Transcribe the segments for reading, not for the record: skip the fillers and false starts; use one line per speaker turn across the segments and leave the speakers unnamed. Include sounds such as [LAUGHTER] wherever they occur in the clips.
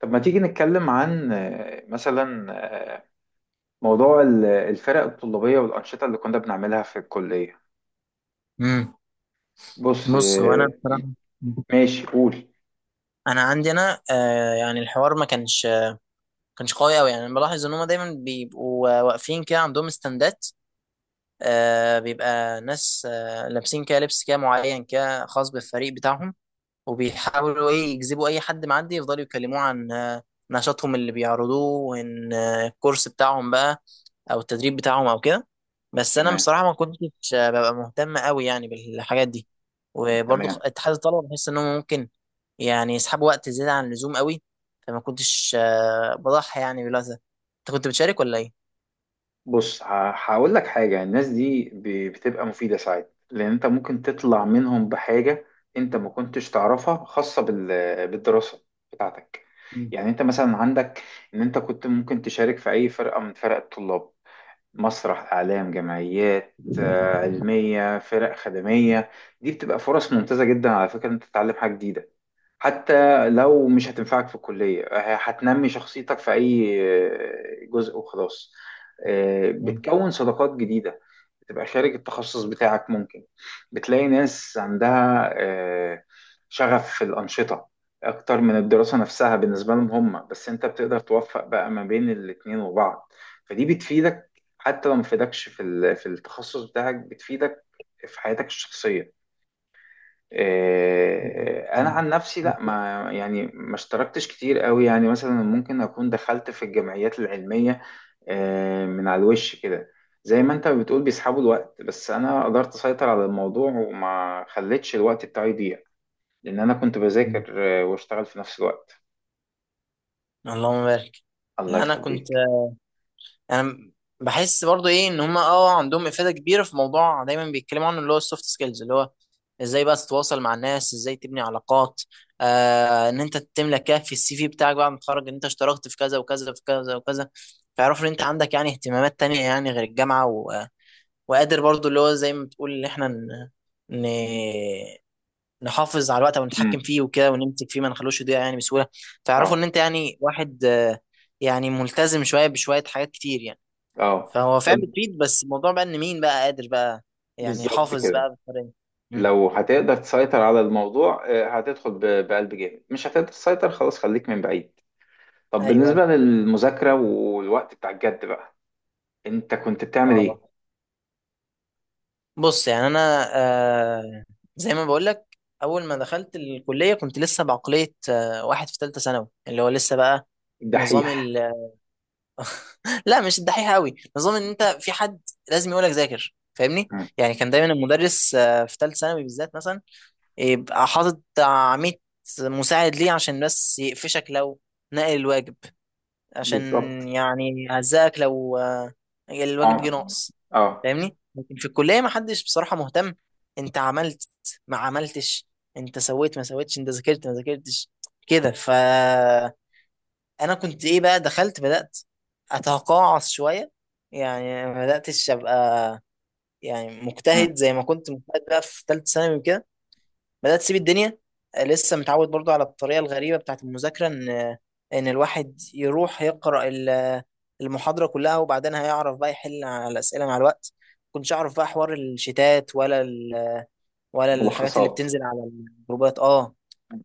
طب ما تيجي نتكلم عن مثلا، آه، موضوع الفرق الطلابية والأنشطة اللي كنا بنعملها في الكلية.
امم
بص
بص هو انا
آه،
بصراحه
ماشي، قول.
عندي انا يعني الحوار ما كانش قوي. يعني انا بلاحظ ان هم دايما بيبقوا واقفين كده عندهم استندات. بيبقى ناس لابسين كده لبس كده معين كده خاص بالفريق بتاعهم، وبيحاولوا ايه يجذبوا اي حد معدي يفضلوا يكلموه عن نشاطهم اللي بيعرضوه، وان الكورس بتاعهم بقى او التدريب بتاعهم او كده. بس انا
تمام.
بصراحه ما كنتش ببقى مهتم قوي يعني بالحاجات دي. وبرضه
تمام.
اتحاد الطلبه بحس انهم ممكن يعني يسحبوا وقت زياده عن اللزوم قوي. فما كنتش بضحي يعني بالوقت ده. انت كنت بتشارك ولا ايه؟
بص، هقول لك حاجة. الناس دي بتبقى مفيدة ساعات، لأن أنت ممكن تطلع منهم بحاجة أنت ما كنتش تعرفها، خاصة بالدراسة بتاعتك.
مم.
يعني أنت مثلا عندك إن أنت كنت ممكن تشارك في أي فرقة من فرق الطلاب، مسرح، اعلام، جمعيات علميه، فرق خدميه. دي بتبقى فرص ممتازه جدا على فكره، ان انت تتعلم حاجه جديده. حتى لو مش هتنفعك في الكلية، هتنمي شخصيتك في أي جزء وخلاص.
مم.
بتكون صداقات جديدة، بتبقى شارك التخصص بتاعك ممكن، بتلاقي ناس عندها شغف في الأنشطة أكتر من الدراسة نفسها بالنسبة لهم هم، بس أنت بتقدر توفق بقى ما بين الاتنين وبعض. فدي بتفيدك، حتى لو ما فيدكش في التخصص بتاعك، بتفيدك في حياتك الشخصية.
مم.
انا عن نفسي، لا، ما يعني ما اشتركتش كتير قوي. يعني مثلا ممكن اكون دخلت في الجمعيات العلميه من على الوش كده، زي ما انت بتقول بيسحبوا الوقت، بس انا قدرت اسيطر على الموضوع وما خليتش الوقت بتاعي يضيع، لان انا كنت
مم.
بذاكر واشتغل في نفس الوقت.
اللهم بارك.
الله
لا انا كنت
يخليك.
انا بحس برضو ايه ان هما اه عندهم افاده كبيره في موضوع دايما بيتكلموا عنه، اللي هو السوفت سكيلز، اللي هو ازاي بقى تتواصل مع الناس، ازاي تبني علاقات. آه، ان انت تملى كده في السي في بتاعك بعد ما تتخرج ان انت اشتركت في كذا وكذا، في كذا وكذا. فيعرفوا ان انت عندك يعني اهتمامات تانية يعني غير الجامعه وقادر برضو اللي هو زي ما بتقول ان احنا ن... نحافظ على الوقت او نتحكم
امم.
فيه وكده ونمسك فيه ما نخلوش يضيع يعني بسهوله. فيعرفوا ان
اه.
انت يعني واحد يعني ملتزم، شويه بشويه حاجات كتير يعني.
اه.
فهو
طب.
فعلا تريد، بس الموضوع بقى ان مين بقى قادر بقى يعني
بالظبط
حافظ بقى
كده.
بالطريقه. مم.
لو هتقدر تسيطر على الموضوع هتدخل بقلب جامد. مش هتقدر تسيطر، خلاص خليك من بعيد. طب
ايوه
بالنسبة
ايوه.
للمذاكرة والوقت بتاع الجد بقى، انت كنت بتعمل
اه
ايه؟
بص يعني انا زي ما بقول لك، اول ما دخلت الكليه كنت لسه بعقليه واحد في ثالثه ثانوي، اللي هو لسه بقى نظام
الدحيح.
ال- [LAUGHS] لا مش الدحيح قوي، نظام ان انت في حد لازم يقولك ذاكر، فاهمني؟
مم.
يعني كان دايما المدرس في ثالث ثانوي بالذات مثلا يبقى حاطط بتاع 100 مساعد ليه عشان بس يقفشك لو نقل الواجب، عشان
بالظبط.
يعني هزقك لو الواجب جه
اه.
ناقص،
اه.
فاهمني؟ لكن في الكليه ما حدش بصراحه مهتم، انت عملت ما عملتش، انت سويت ما سويتش، انت ذاكرت ما ذاكرتش كده. فانا كنت ايه بقى، دخلت بدات اتقاعس شويه، يعني ما بداتش ابقى يعني
مم.
مجتهد زي ما كنت مجتهد بقى في ثالثه ثانوي وكده. بدأت تسيب الدنيا، آه، لسه متعود برضو على الطريقة الغريبة بتاعت المذاكرة، إن الواحد يروح يقرأ المحاضرة كلها وبعدين هيعرف بقى يحل على الأسئلة مع الوقت. كنتش أعرف بقى حوار الشتات، ولا الحاجات اللي
ملخصات.
بتنزل على الجروبات، اه.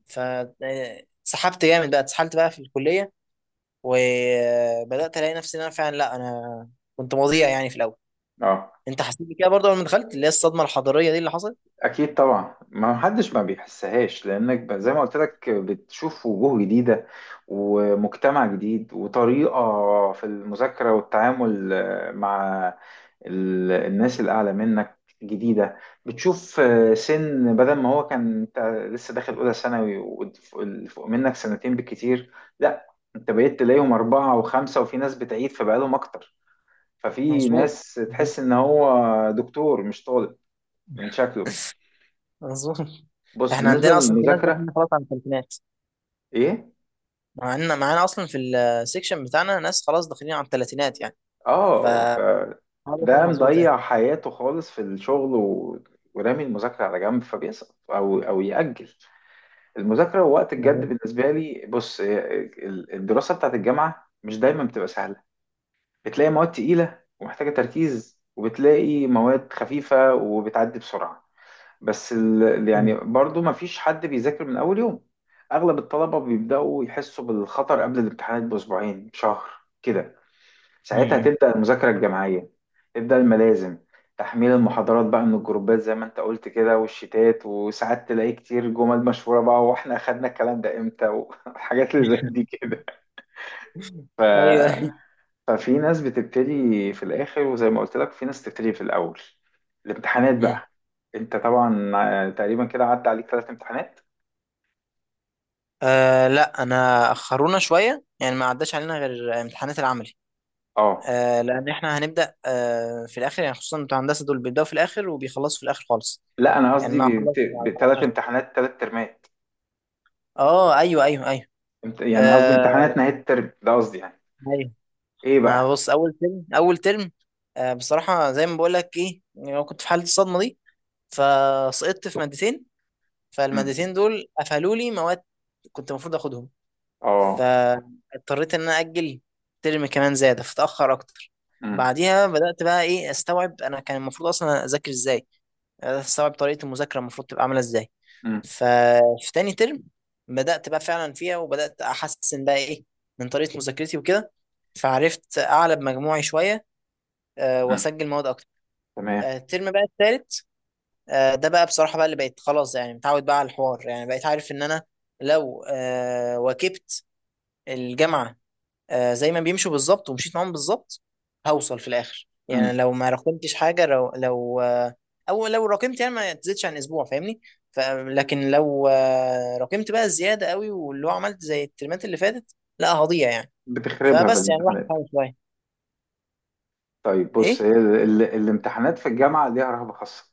ف سحبت جامد بقى، اتسحلت بقى في الكلية، وبدأت ألاقي نفسي إن أنا فعلا لأ، أنا كنت مضيع يعني في الأول.
اه.
أنت حسيت بكده برضه لما دخلت اللي هي الصدمة الحضارية دي اللي حصلت؟
اكيد طبعا، ما حدش ما بيحسهاش، لانك زي ما قلت لك بتشوف وجوه جديده، ومجتمع جديد، وطريقه في المذاكره والتعامل مع الناس الاعلى منك جديده. بتشوف سن، بدل ما هو كان انت لسه داخل اولى ثانوي واللي فوق منك سنتين بالكتير، لا، انت بقيت تلاقيهم اربعه وخمسه، وفي ناس بتعيد فبقالهم اكتر، ففي
مظبوط.
ناس تحس ان هو دكتور مش طالب من شكله.
اظن
بص
احنا
بالنسبة
عندنا اصلا في ناس
للمذاكرة.
داخلين خلاص على الثلاثينات.
ايه.
معانا، معانا اصلا في السكشن بتاعنا ناس خلاص داخلين على الثلاثينات يعني. ف
اه،
هذا
فده
هو مظبوط ايه.
مضيع حياته خالص في الشغل ورامي المذاكرة على جنب، فبيسقط او يأجل المذاكرة وقت الجد.
مظبوط.
بالنسبة لي، بص، إيه، الدراسة بتاعت الجامعة مش دايما بتبقى سهلة. بتلاقي مواد تقيلة ومحتاجة تركيز، وبتلاقي مواد خفيفة وبتعدي بسرعة. بس
مم.
يعني برضو مفيش حد بيذاكر من أول يوم. أغلب الطلبة بيبدأوا يحسوا بالخطر قبل الامتحانات بأسبوعين، بشهر كده. ساعتها
مم.
تبدأ المذاكرة الجماعية، تبدأ الملازم، تحميل المحاضرات بقى من الجروبات زي ما انت قلت كده، والشتات. وساعات تلاقي كتير جمل مشهورة بقى، واحنا اخدنا الكلام ده امتى، وحاجات [LAUGHS] اللي زي دي
[LAUGHS]
كده. ف...
ايوه.
ففي ناس بتبتدي في الآخر، وزي ما قلت لك في ناس بتبتدي في الأول. الامتحانات
مم.
بقى. انت طبعا تقريبا كده عدى عليك ثلاث امتحانات.
آه لا انا اخرونا شويه يعني، ما عداش علينا غير امتحانات العملي.
اه.
آه لان احنا هنبدا آه في الاخر يعني، خصوصا بتوع هندسه دول بيبداوا في الاخر وبيخلصوا في الاخر خالص.
لا، انا
يعني انا
قصدي
هخلص على
بثلاث
17.
امتحانات، ثلاث ترمات.
اه ايوه ايوه ايوه.
يعني قصدي امتحانات
آه،
نهاية الترم ده، قصدي يعني.
أيوه.
ايه
ما
بقى؟
بص، اول ترم آه، بصراحه زي ما بقول لك ايه يعني، أنا كنت في حاله الصدمه دي فسقطت في مادتين،
إمم.
فالمادتين دول قفلوا لي مواد كنت المفروض اخدهم.
اه.
فاضطريت ان انا اجل ترم كمان زياده فتاخر اكتر.
امم.
بعديها بدات بقى ايه استوعب انا كان المفروض اصلا اذاكر ازاي، بدأت استوعب طريقه المذاكره المفروض تبقى عامله ازاي.
امم.
ففي تاني ترم بدات بقى فعلا فيها، وبدات احسن بقى ايه من طريقه مذاكرتي وكده، فعرفت اعلى بمجموعي شويه
امم.
واسجل مواد اكتر.
تمام.
آه، الترم بقى التالت آه، ده بقى بصراحه بقى اللي بقيت خلاص يعني متعود بقى على الحوار، يعني بقيت عارف ان انا لو واكبت الجامعه زي ما بيمشوا بالظبط ومشيت معاهم بالظبط، هوصل في الاخر
امم.
يعني. لو ما راكمتش حاجه، لو لو آه، او لو راكمت يعني ما تزيدش عن اسبوع، فاهمني؟ ف- لكن لو راكمت بقى الزياده قوي واللي هو عملت زي الترمات اللي فاتت، لا هضيع يعني.
بتخربها في
فبس يعني الواحد
الامتحانات.
بيحاول شويه.
طيب بص،
ايه.
هي الامتحانات في الجامعة ليها رهبة خاصة.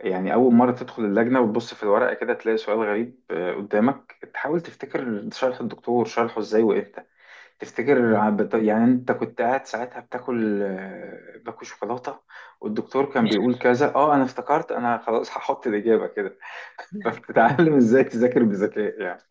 يعني أول مرة تدخل اللجنة وتبص في الورقة كده، تلاقي سؤال غريب قدامك. تحاول تفتكر شرح الدكتور شرحه ازاي وامتى، تفتكر، يعني انت كنت قاعد ساعتها بتاكل آه، باكل شوكولاتة والدكتور كان بيقول كذا، اه انا افتكرت انا خلاص هحط الإجابة كده. فبتتعلم ازاي تذاكر بذكاء يعني.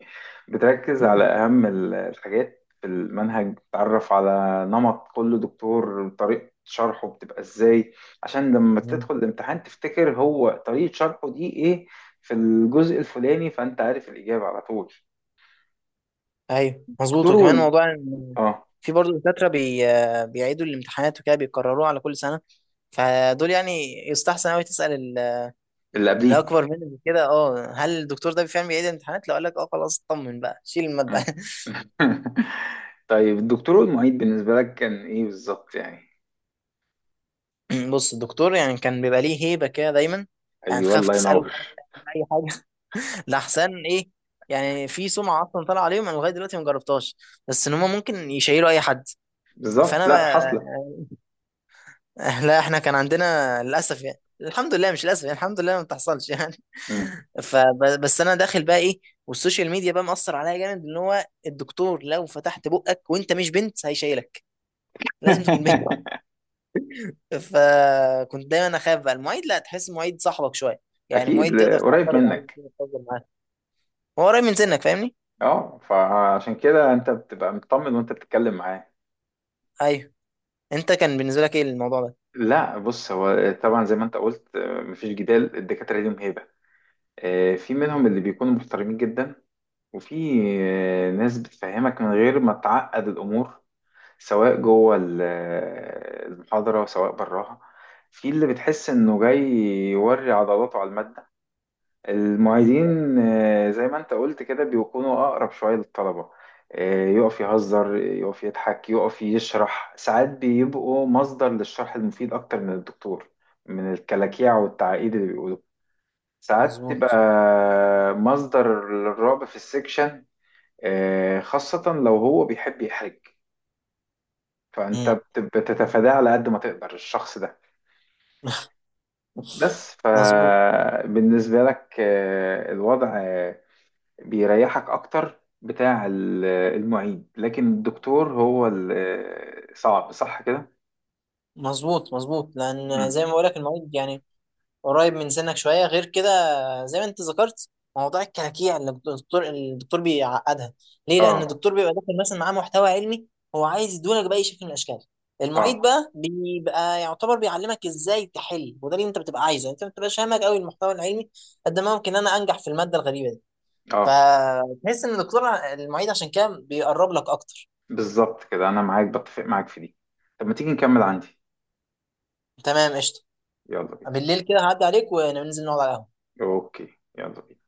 بتركز على اهم الحاجات في المنهج، بتعرف على نمط كل دكتور، طريقة شرحه بتبقى ازاي عشان لما تدخل
[LAUGHS]
الامتحان تفتكر هو طريقة شرحه دي ايه في الجزء الفلاني، فانت عارف الإجابة على طول.
ايوه مظبوط.
دكتور
وكمان
وال...
موضوع إن
اه.
في برضه دكاترة بيعيدوا الامتحانات وكده بيكرروها على كل سنة. فدول يعني يستحسن قوي تسأل
اللي
اللي
قبليك.
أكبر منك كده، اه هل الدكتور ده فعلا بيعيد الامتحانات؟ لو قال لك اه، خلاص اطمن بقى شيل المادة.
مم. [LAUGHS] طيب، الدكتور والمعيد بالنسبة لك كان ايه بالظبط يعني؟
[LAUGHS] بص، الدكتور يعني كان بيبقى ليه هيبة كده دايما، يعني
ايوه،
تخاف
الله
تسأله،
ينور.
تخاف تعمل أي حاجة. [LAUGHS] لحسن إيه، يعني في سمعة أصلا طالعة عليهم أنا لغاية دلوقتي ما جربتهاش، بس إن هم ممكن يشيلوا أي حد.
بالظبط.
فأنا
لا حصلة.
[LAUGHS] لا احنا كان عندنا للاسف يعني، الحمد لله مش للاسف يعني، الحمد لله ما بتحصلش يعني.
مم.
فبس انا داخل بقى ايه، والسوشيال ميديا بقى مأثر عليا جامد ان هو الدكتور لو فتحت بقك وانت مش بنت هيشيلك، لازم تكون بنت.
[LAUGHS]
فكنت دايما اخاف بقى. المعيد لا، تحس المعيد صاحبك شويه، يعني
اكيد،
المعيد تقدر
قريب
تعترض عليه،
منك.
تقدر تهزر معاه، هو قريب من سنك، فاهمني؟
اه، فعشان كده انت بتبقى مطمن وانت بتتكلم معاه.
ايوه. انت كان بالنسبه لك ايه الموضوع ده؟
لا بص، هو طبعا زي ما انت قلت، مفيش جدال، الدكاترة ليهم هيبة. في منهم اللي بيكونوا محترمين جدا، وفي ناس بتفهمك من غير ما تعقد الامور، سواء جوه المحاضرة وسواء براها. في اللي بتحس انه جاي يوري عضلاته على المادة.
مم.
المعيدين زي ما انت قلت كده، بيكونوا اقرب شويه للطلبه. يقف يهزر، يقف يضحك، يقف يشرح. ساعات بيبقوا مصدر للشرح المفيد اكتر من الدكتور، من الكلاكيع والتعقيد اللي بيقولوا. ساعات تبقى
مظبوط.
مصدر للرعب في السكشن، خاصه لو هو بيحب يحرج، فانت
مم.
بتتفاداه على قد ما تقدر الشخص ده. بس
مظبوط.
فبالنسبه لك الوضع بيريحك اكتر بتاع المعيد، لكن الدكتور هو صعب، صح كده؟
مظبوط. مظبوط لان
مم.
زي ما بقولك المعيد يعني قريب من سنك شويه، غير كده زي ما انت ذكرت موضوع الكراكيع اللي الدكتور بيعقدها ليه، لان
اه.
الدكتور بيبقى داخل مثلا معاه محتوى علمي هو عايز يدولك باي شكل من الاشكال. المعيد
اه.
بقى بيبقى يعتبر بيعلمك ازاي تحل، وده اللي انت بتبقى عايزه، يعني انت ما بتبقاش فاهمك قوي المحتوى العلمي قد ما ممكن انا انجح في الماده الغريبه دي.
اه.
فتحس ان الدكتور المعيد عشان كده بيقرب لك اكتر.
بالظبط كده، انا معاك، بتفق معاك في دي. طب ما تيجي نكمل عندي.
تمام قشطه.
يلا بينا.
بالليل كده هعدي عليك وننزل نقعد على القهوه.
اوكي، يلا بينا.